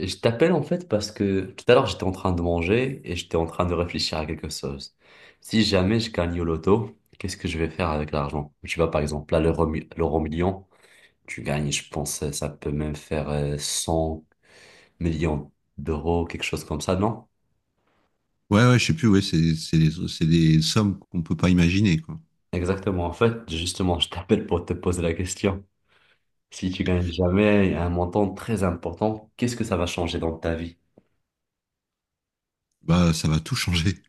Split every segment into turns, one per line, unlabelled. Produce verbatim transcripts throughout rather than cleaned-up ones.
Je t'appelle en fait parce que tout à l'heure j'étais en train de manger et j'étais en train de réfléchir à quelque chose. Si jamais je gagne au loto, qu'est-ce que je vais faire avec l'argent? Tu vois par exemple là l'euro mi- l'euro million, tu gagnes, je pense euh, ça peut même faire euh, cent millions d'euros, quelque chose comme ça, non?
Ouais, ouais, je sais plus, ouais, c'est c'est des, c'est des sommes qu'on peut pas imaginer, quoi.
Exactement, en fait justement je t'appelle pour te poser la question. Si tu gagnes jamais un montant très important, qu'est-ce que ça va changer dans ta vie?
Bah, ça va tout changer.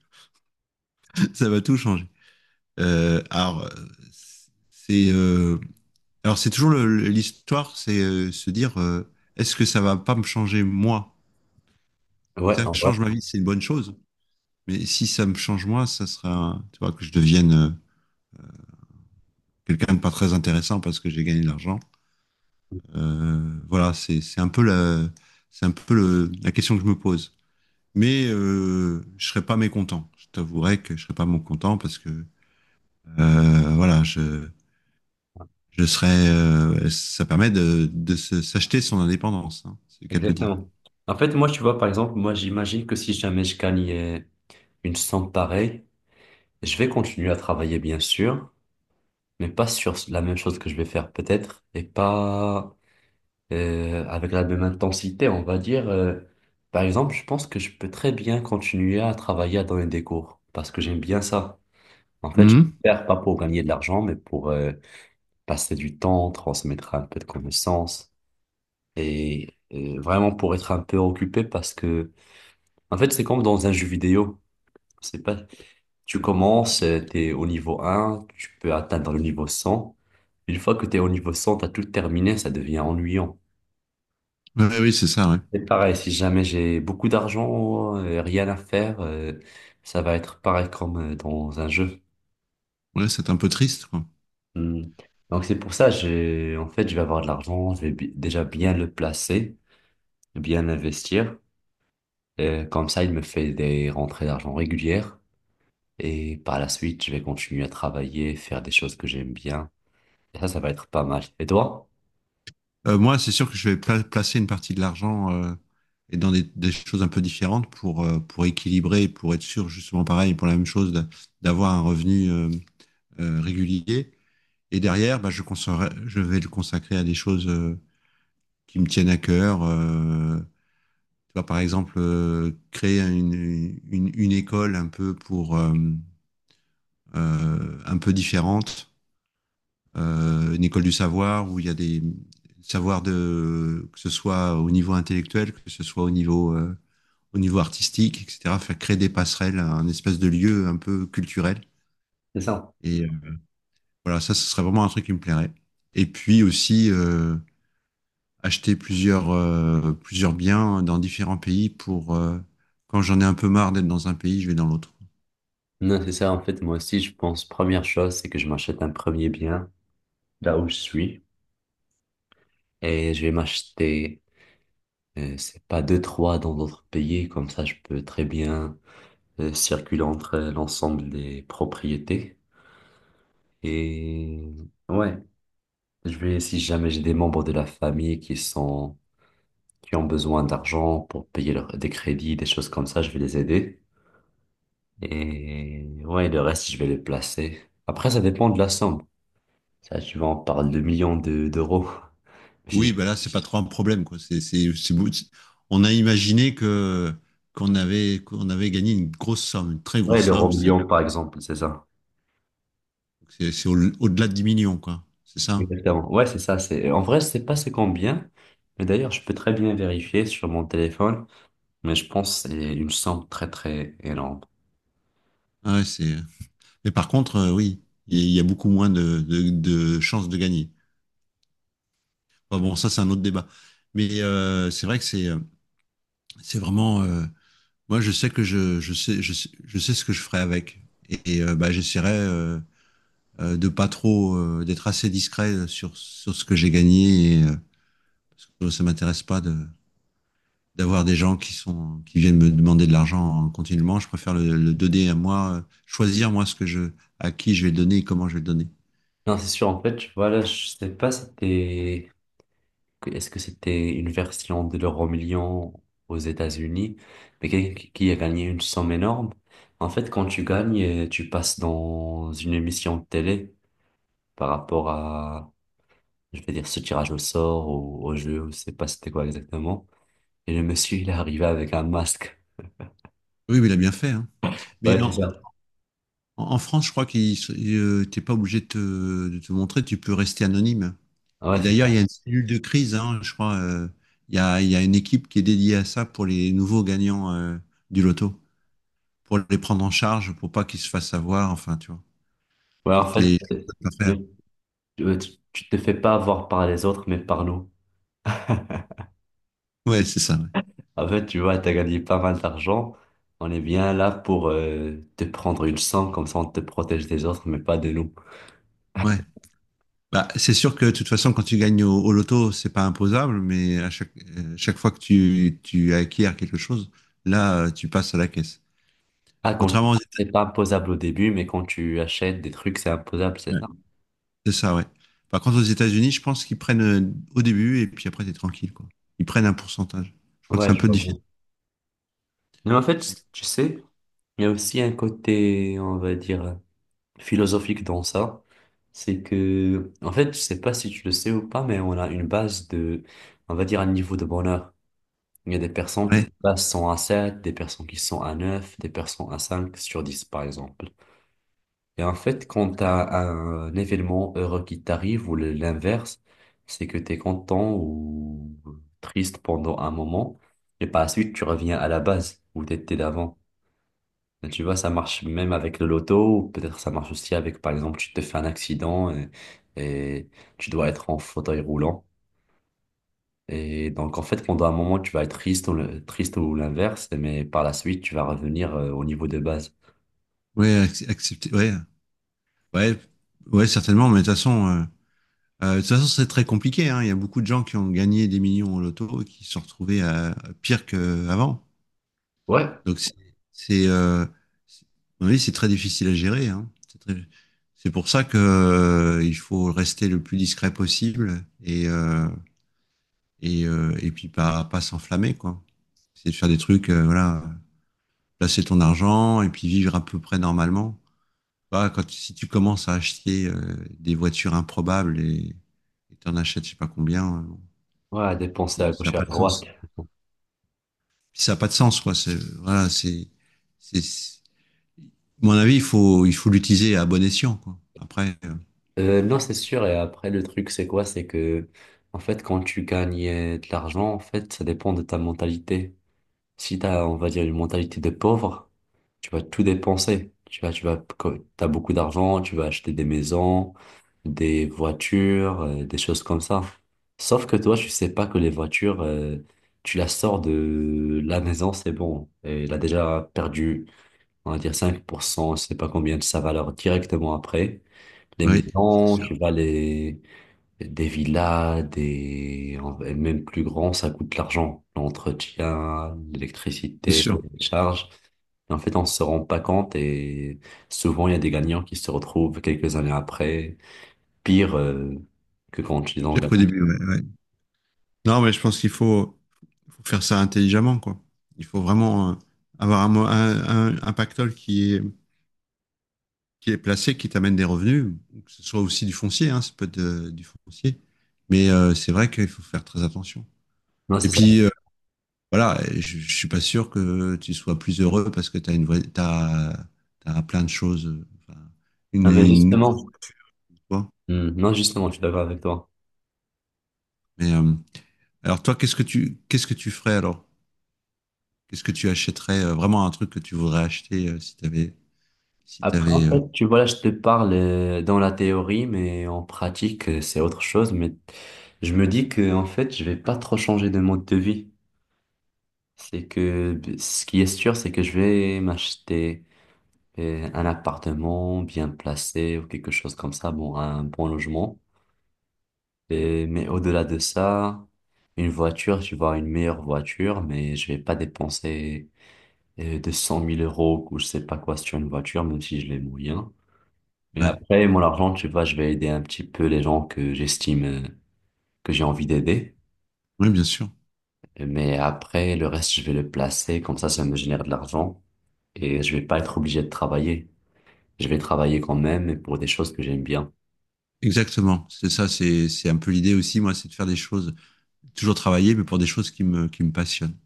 Ça va tout changer. Euh, alors, euh, c'est euh, alors c'est toujours le- le- l'histoire, c'est euh, se dire, euh, est-ce que ça va pas me changer, moi?
Ouais,
Si ça
en vrai.
change ma vie, c'est une bonne chose. Mais si ça me change moi, ça sera, un- tu vois, que je devienne euh, quelqu'un de pas très intéressant parce que j'ai gagné de l'argent. Euh, voilà, c'est c'est un peu la c'est un peu le- la question que je me pose. mais euh, je serais pas mécontent. Je t'avouerai que je serais pas mécontent parce que euh, voilà, je, je serais. Euh, ça permet de, de se- s'acheter son indépendance, hein, c'est le cas de le dire.
Exactement. En fait, moi, tu vois, par exemple, moi, j'imagine que si jamais je gagnais une somme pareille, je vais continuer à travailler, bien sûr, mais pas sur la même chose que je vais faire, peut-être, et pas euh, avec la même intensité, on va dire. Euh, par exemple, je pense que je peux très bien continuer à travailler à donner des cours, parce que j'aime bien ça. En fait, je
Mhm.
vais faire pas pour gagner de l'argent, mais pour euh, passer du temps, transmettre un peu de connaissances, et euh, vraiment pour être un peu occupé, parce que en fait, c'est comme dans un jeu vidéo. C'est pas, tu commences, euh, t'es au niveau un, tu peux atteindre le niveau cent. Une fois que t'es au niveau cent, t'as tout terminé, ça devient ennuyant.
Ouais, oui, c'est ça. Ouais,
C'est pareil, si jamais j'ai beaucoup d'argent, euh, rien à faire, euh, ça va être pareil comme euh, dans un jeu.
ouais, c'est un peu triste, quoi.
Hmm. Donc c'est pour ça, j'ai, en fait, je vais avoir de l'argent, je vais bi- déjà bien le placer, bien l'investir. Et comme ça, il me fait des rentrées d'argent régulières. Et par la suite, je vais continuer à travailler, faire des choses que j'aime bien. Et ça, ça va être pas mal. Et toi?
Euh, moi, c'est sûr que je vais pla- placer une partie de l'argent euh, et dans des, des choses un peu différentes pour euh, pour équilibrer, pour être sûr justement pareil pour la même chose d'a- d'avoir un revenu, euh, euh, régulier. Et derrière, bah, je, consacrerai- je vais le consacrer à des choses. euh, qui me tiennent à cœur. Euh, tu vois, par exemple, euh, créer une, une, une école un peu pour euh, euh, un peu différente, euh, une école du savoir où il y a des savoirs de que ce soit au niveau intellectuel, que ce soit au niveau euh, au niveau artistique, et cetera. Faire créer des passerelles, un espèce de lieu un peu culturel.
C'est ça.
Et euh, voilà, ça, ce serait vraiment un truc qui me plairait. Et puis aussi, euh, acheter plusieurs, euh, plusieurs biens dans différents pays pour, euh, quand j'en ai un peu marre d'être dans un pays, je vais dans l'autre.
Non, c'est ça. En fait, moi aussi, je pense, première chose, c'est que je m'achète un premier bien là où je suis. Et je vais m'acheter, euh, c'est pas deux, trois dans d'autres pays. Comme ça, je peux très bien euh, circuler entre euh, l'ensemble des propriétés. Et ouais, je vais, si jamais j'ai des membres de la famille qui sont, qui ont besoin d'argent pour payer leur- des crédits, des choses comme ça, je vais les aider. Et ouais, le reste, je vais le placer. Après, ça dépend de la somme. Ça, tu vois, on parle de millions de- d'euros. Si
Oui,
je-
bah là, c'est pas trop un problème, quoi. C'est, c'est, c'est beau. c'est- On a imaginé que qu'on avait qu'on avait gagné une grosse somme, une très grosse
Ouais, l'euro
somme. C'est
million, par exemple, c'est ça.
c'est- c'est au- au-delà de dix millions, quoi. C'est ça?
Exactement. Ouais, c'est ça. C'est… en vrai, je sais pas c'est combien. Mais d'ailleurs, je peux très bien vérifier sur mon téléphone. Mais je pense que c'est une somme très, très énorme.
Ah Ouais, c'est Mais par contre, euh, oui, il y a beaucoup moins de, de- de chances de gagner. Enfin, bon, ça, c'est un autre débat. Mais euh, c'est vrai que c'est euh, c'est vraiment. Euh, moi, je sais que je, je sais, je sais, je sais ce que je ferai avec. Et, et, euh, bah, j'essaierai, euh, euh, de pas trop, euh, d'être assez discret sur, sur ce que j'ai gagné. Et, euh, parce que ça m'intéresse pas de d'avoir des gens qui sont qui viennent me demander de l'argent continuellement. Je préfère le, le donner, à moi, euh, choisir moi ce que je à qui je vais le donner et comment je vais le donner.
Non, c'est sûr. En fait, voilà, je sais pas si t'es… que- Est-ce que c'était une version de l'euro million aux États-Unis, mais qui qui a gagné une somme énorme? En fait, quand tu gagnes, euh, tu passes dans une émission de télé par rapport à, je vais dire, ce tirage au sort ou au jeu, je sais pas c'était quoi exactement. Et le monsieur, il est arrivé avec un masque.
Oui, mais il a bien fait, hein.
Ouais,
Mais
c'est
en,
ça.
En, en France, je crois que t'es pas obligé de te, de te montrer, tu peux rester anonyme.
Ouais,
Et
c'est
d'ailleurs, il y
ça.
a une cellule de crise, hein, je crois. euh, il y a, il y a une équipe qui est dédiée à ça pour les nouveaux gagnants, euh, du loto, pour les prendre en charge, pour pas qu'ils se fassent avoir, enfin, tu vois,
Ouais, en
toutes
fait,
les choses à faire.
euh, tu tu te fais pas avoir par les autres, mais par nous.
Ouais, c'est ça.
En fait, tu vois, t'as gagné pas mal d'argent. On est bien là pour euh, te prendre une sang, comme ça on te protège des autres, mais pas de nous.
Ouais. Ouais. Bah, c'est sûr que de toute façon, quand tu gagnes au, au loto, c'est pas imposable, mais à chaque, euh, chaque fois que tu, tu acquiers quelque chose, là, euh, tu passes à la caisse.
Ah, quand
Contrairement aux...
c'est pas imposable au début, mais quand tu achètes des trucs, c'est imposable, c'est
Ouais.
ça?
C'est ça, ouais. Par contre, aux États-Unis, je pense qu'ils prennent, euh, au début, et puis après, t'es tranquille, quoi. Ils prennent un pourcentage. Je crois que c'est un
Ouais, je
peu
vois
difficile.
bien. Mais en fait, tu sais, il y a aussi un côté, on va dire, philosophique dans ça. C'est que, en fait, je sais pas si tu le sais ou pas, mais on a une base de, on va dire, un niveau de bonheur. Il y a des personnes
Ouais,
qui passent cent à sept, des personnes qui sont à neuf, des personnes à cinq sur dix, par exemple. Et en fait, quand tu as un événement heureux qui t'arrive ou le- l'inverse, c'est que tu es content ou triste pendant un moment, et par la suite, tu reviens à la base où tu étais d'avant. Et tu vois, ça marche même avec le loto, ou peut-être ça marche aussi avec, par exemple, tu te fais un accident et, et tu dois être en fauteuil roulant. Et donc, en fait, pendant un moment, tu vas être triste ou, le- triste ou l'inverse, mais par la suite, tu vas revenir euh, au niveau de base.
ouais, ac- accepter, ouais, ouais, ouais, certainement, mais de toute façon, euh, euh, de toute façon, c'est très compliqué, hein. Il y a beaucoup de gens qui ont gagné des millions au loto et qui se sont retrouvés à, à pire qu'avant.
Ouais,
Donc, c'est, c'est, euh, c'est- à mon avis, c'est très difficile à gérer, hein. C'est très- c'est pour ça que, euh, il faut rester le plus discret possible, et, euh, et, euh, et puis pas pas s'enflammer, quoi. C'est de faire des trucs, euh, voilà, placer ton argent et puis vivre à peu près normalement. Pas quand si tu commences à acheter, euh, des voitures improbables et et t'en achètes je sais pas combien, euh, bon,
ouais, à dépenser à
et ça a
gauche et à
pas de
droite.
sens. Puis ça a pas de sens, quoi. C'est Voilà, c'est c'est c'est- à mon avis, il faut il faut l'utiliser à bon escient, quoi. Après, euh,
Euh, non, c'est sûr. Et après, le truc, c'est quoi? C'est que, en fait, quand tu gagnes euh, de l'argent, en fait, ça dépend de ta mentalité. Si t'as, on va dire, une mentalité de pauvre, tu vas tout dépenser. Tu vas, tu vas, co- t'as beaucoup d'argent, tu vas acheter des maisons, des voitures, euh, des choses comme ça. Sauf que toi, tu sais pas que les voitures, euh, tu la sors de la maison, c'est bon. Et elle a déjà perdu, on va dire, cinq pour cent, je sais pas combien de sa valeur directement après. Les
oui, c'est
maisons,
sûr,
tu vas les, des villas, des en- même plus grands, ça coûte de l'argent. L'entretien,
c'est
l'électricité,
sûr
les charges. Et en fait, on se rend pas compte et souvent, il y a des gagnants qui se retrouvent quelques années après, pire euh, que quand ils ont
pire qu'au
gagné.
début, ouais, ouais. Non, mais je pense qu'il faut, faut faire ça intelligemment, quoi. Il faut vraiment euh, avoir un, mo- un, un, un pactole qui est, qui est placé, qui t'amène des revenus, que ce soit aussi du foncier, hein, ça peut être, euh, du foncier. Mais euh, c'est vrai qu'il faut faire très attention.
Non,
Et
c'est ça.
puis, euh, voilà, je, je suis pas sûr que tu sois plus heureux parce que tu as une vraie, t'as, t'as plein de choses, euh, enfin, une,
Non, mais
une, grosse.
justement, hmm, non, justement, je suis d'accord avec toi.
Mais, euh, alors toi, qu'est-ce que tu, qu'est-ce que tu ferais alors? Qu'est-ce que tu achèterais, euh, vraiment un truc que tu voudrais acheter, euh, si tu avais, Si
Après, en
t'avais, euh,
fait, tu vois, là, je te parle euh, dans la théorie, mais en pratique, euh, c'est autre chose. Mais je me dis que, en fait, je vais pas trop changer de mode de vie. C'est que ce qui est sûr, c'est que je vais m'acheter euh, un appartement bien placé ou quelque chose comme ça, bon, un bon logement. Et- mais au-delà de ça, une voiture, tu vois, une meilleure voiture, mais je vais pas dépenser euh, deux cent mille euros ou je sais pas quoi sur une voiture, même si je les moyens. Mais
ouais.
après, mon argent, tu vois, je vais aider un petit peu les gens que j'estime euh, que j'ai envie d'aider.
Oui, bien sûr.
Mais après, le reste, je vais le placer, comme ça, ça me génère de l'argent et je vais pas être obligé de travailler. Je vais travailler quand même et pour des choses que j'aime bien.
Exactement. C'est ça, c'est c'est un peu l'idée aussi, moi, c'est de faire des choses, toujours travailler, mais pour des choses qui me, qui me passionnent.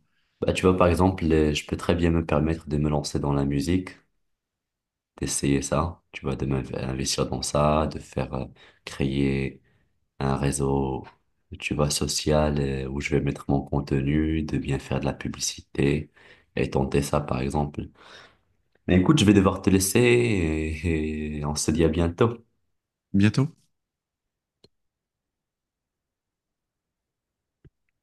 Bah, tu vois, par exemple, les- je peux très bien me permettre de me lancer dans la musique, d'essayer ça, tu vois, de m'investir dans ça, de faire euh, créer un réseau, tu vois, social euh, où je vais mettre mon contenu, de bien faire de la publicité et tenter ça, par exemple. Mais écoute, je vais devoir te laisser et et on se dit à bientôt.
Bientôt.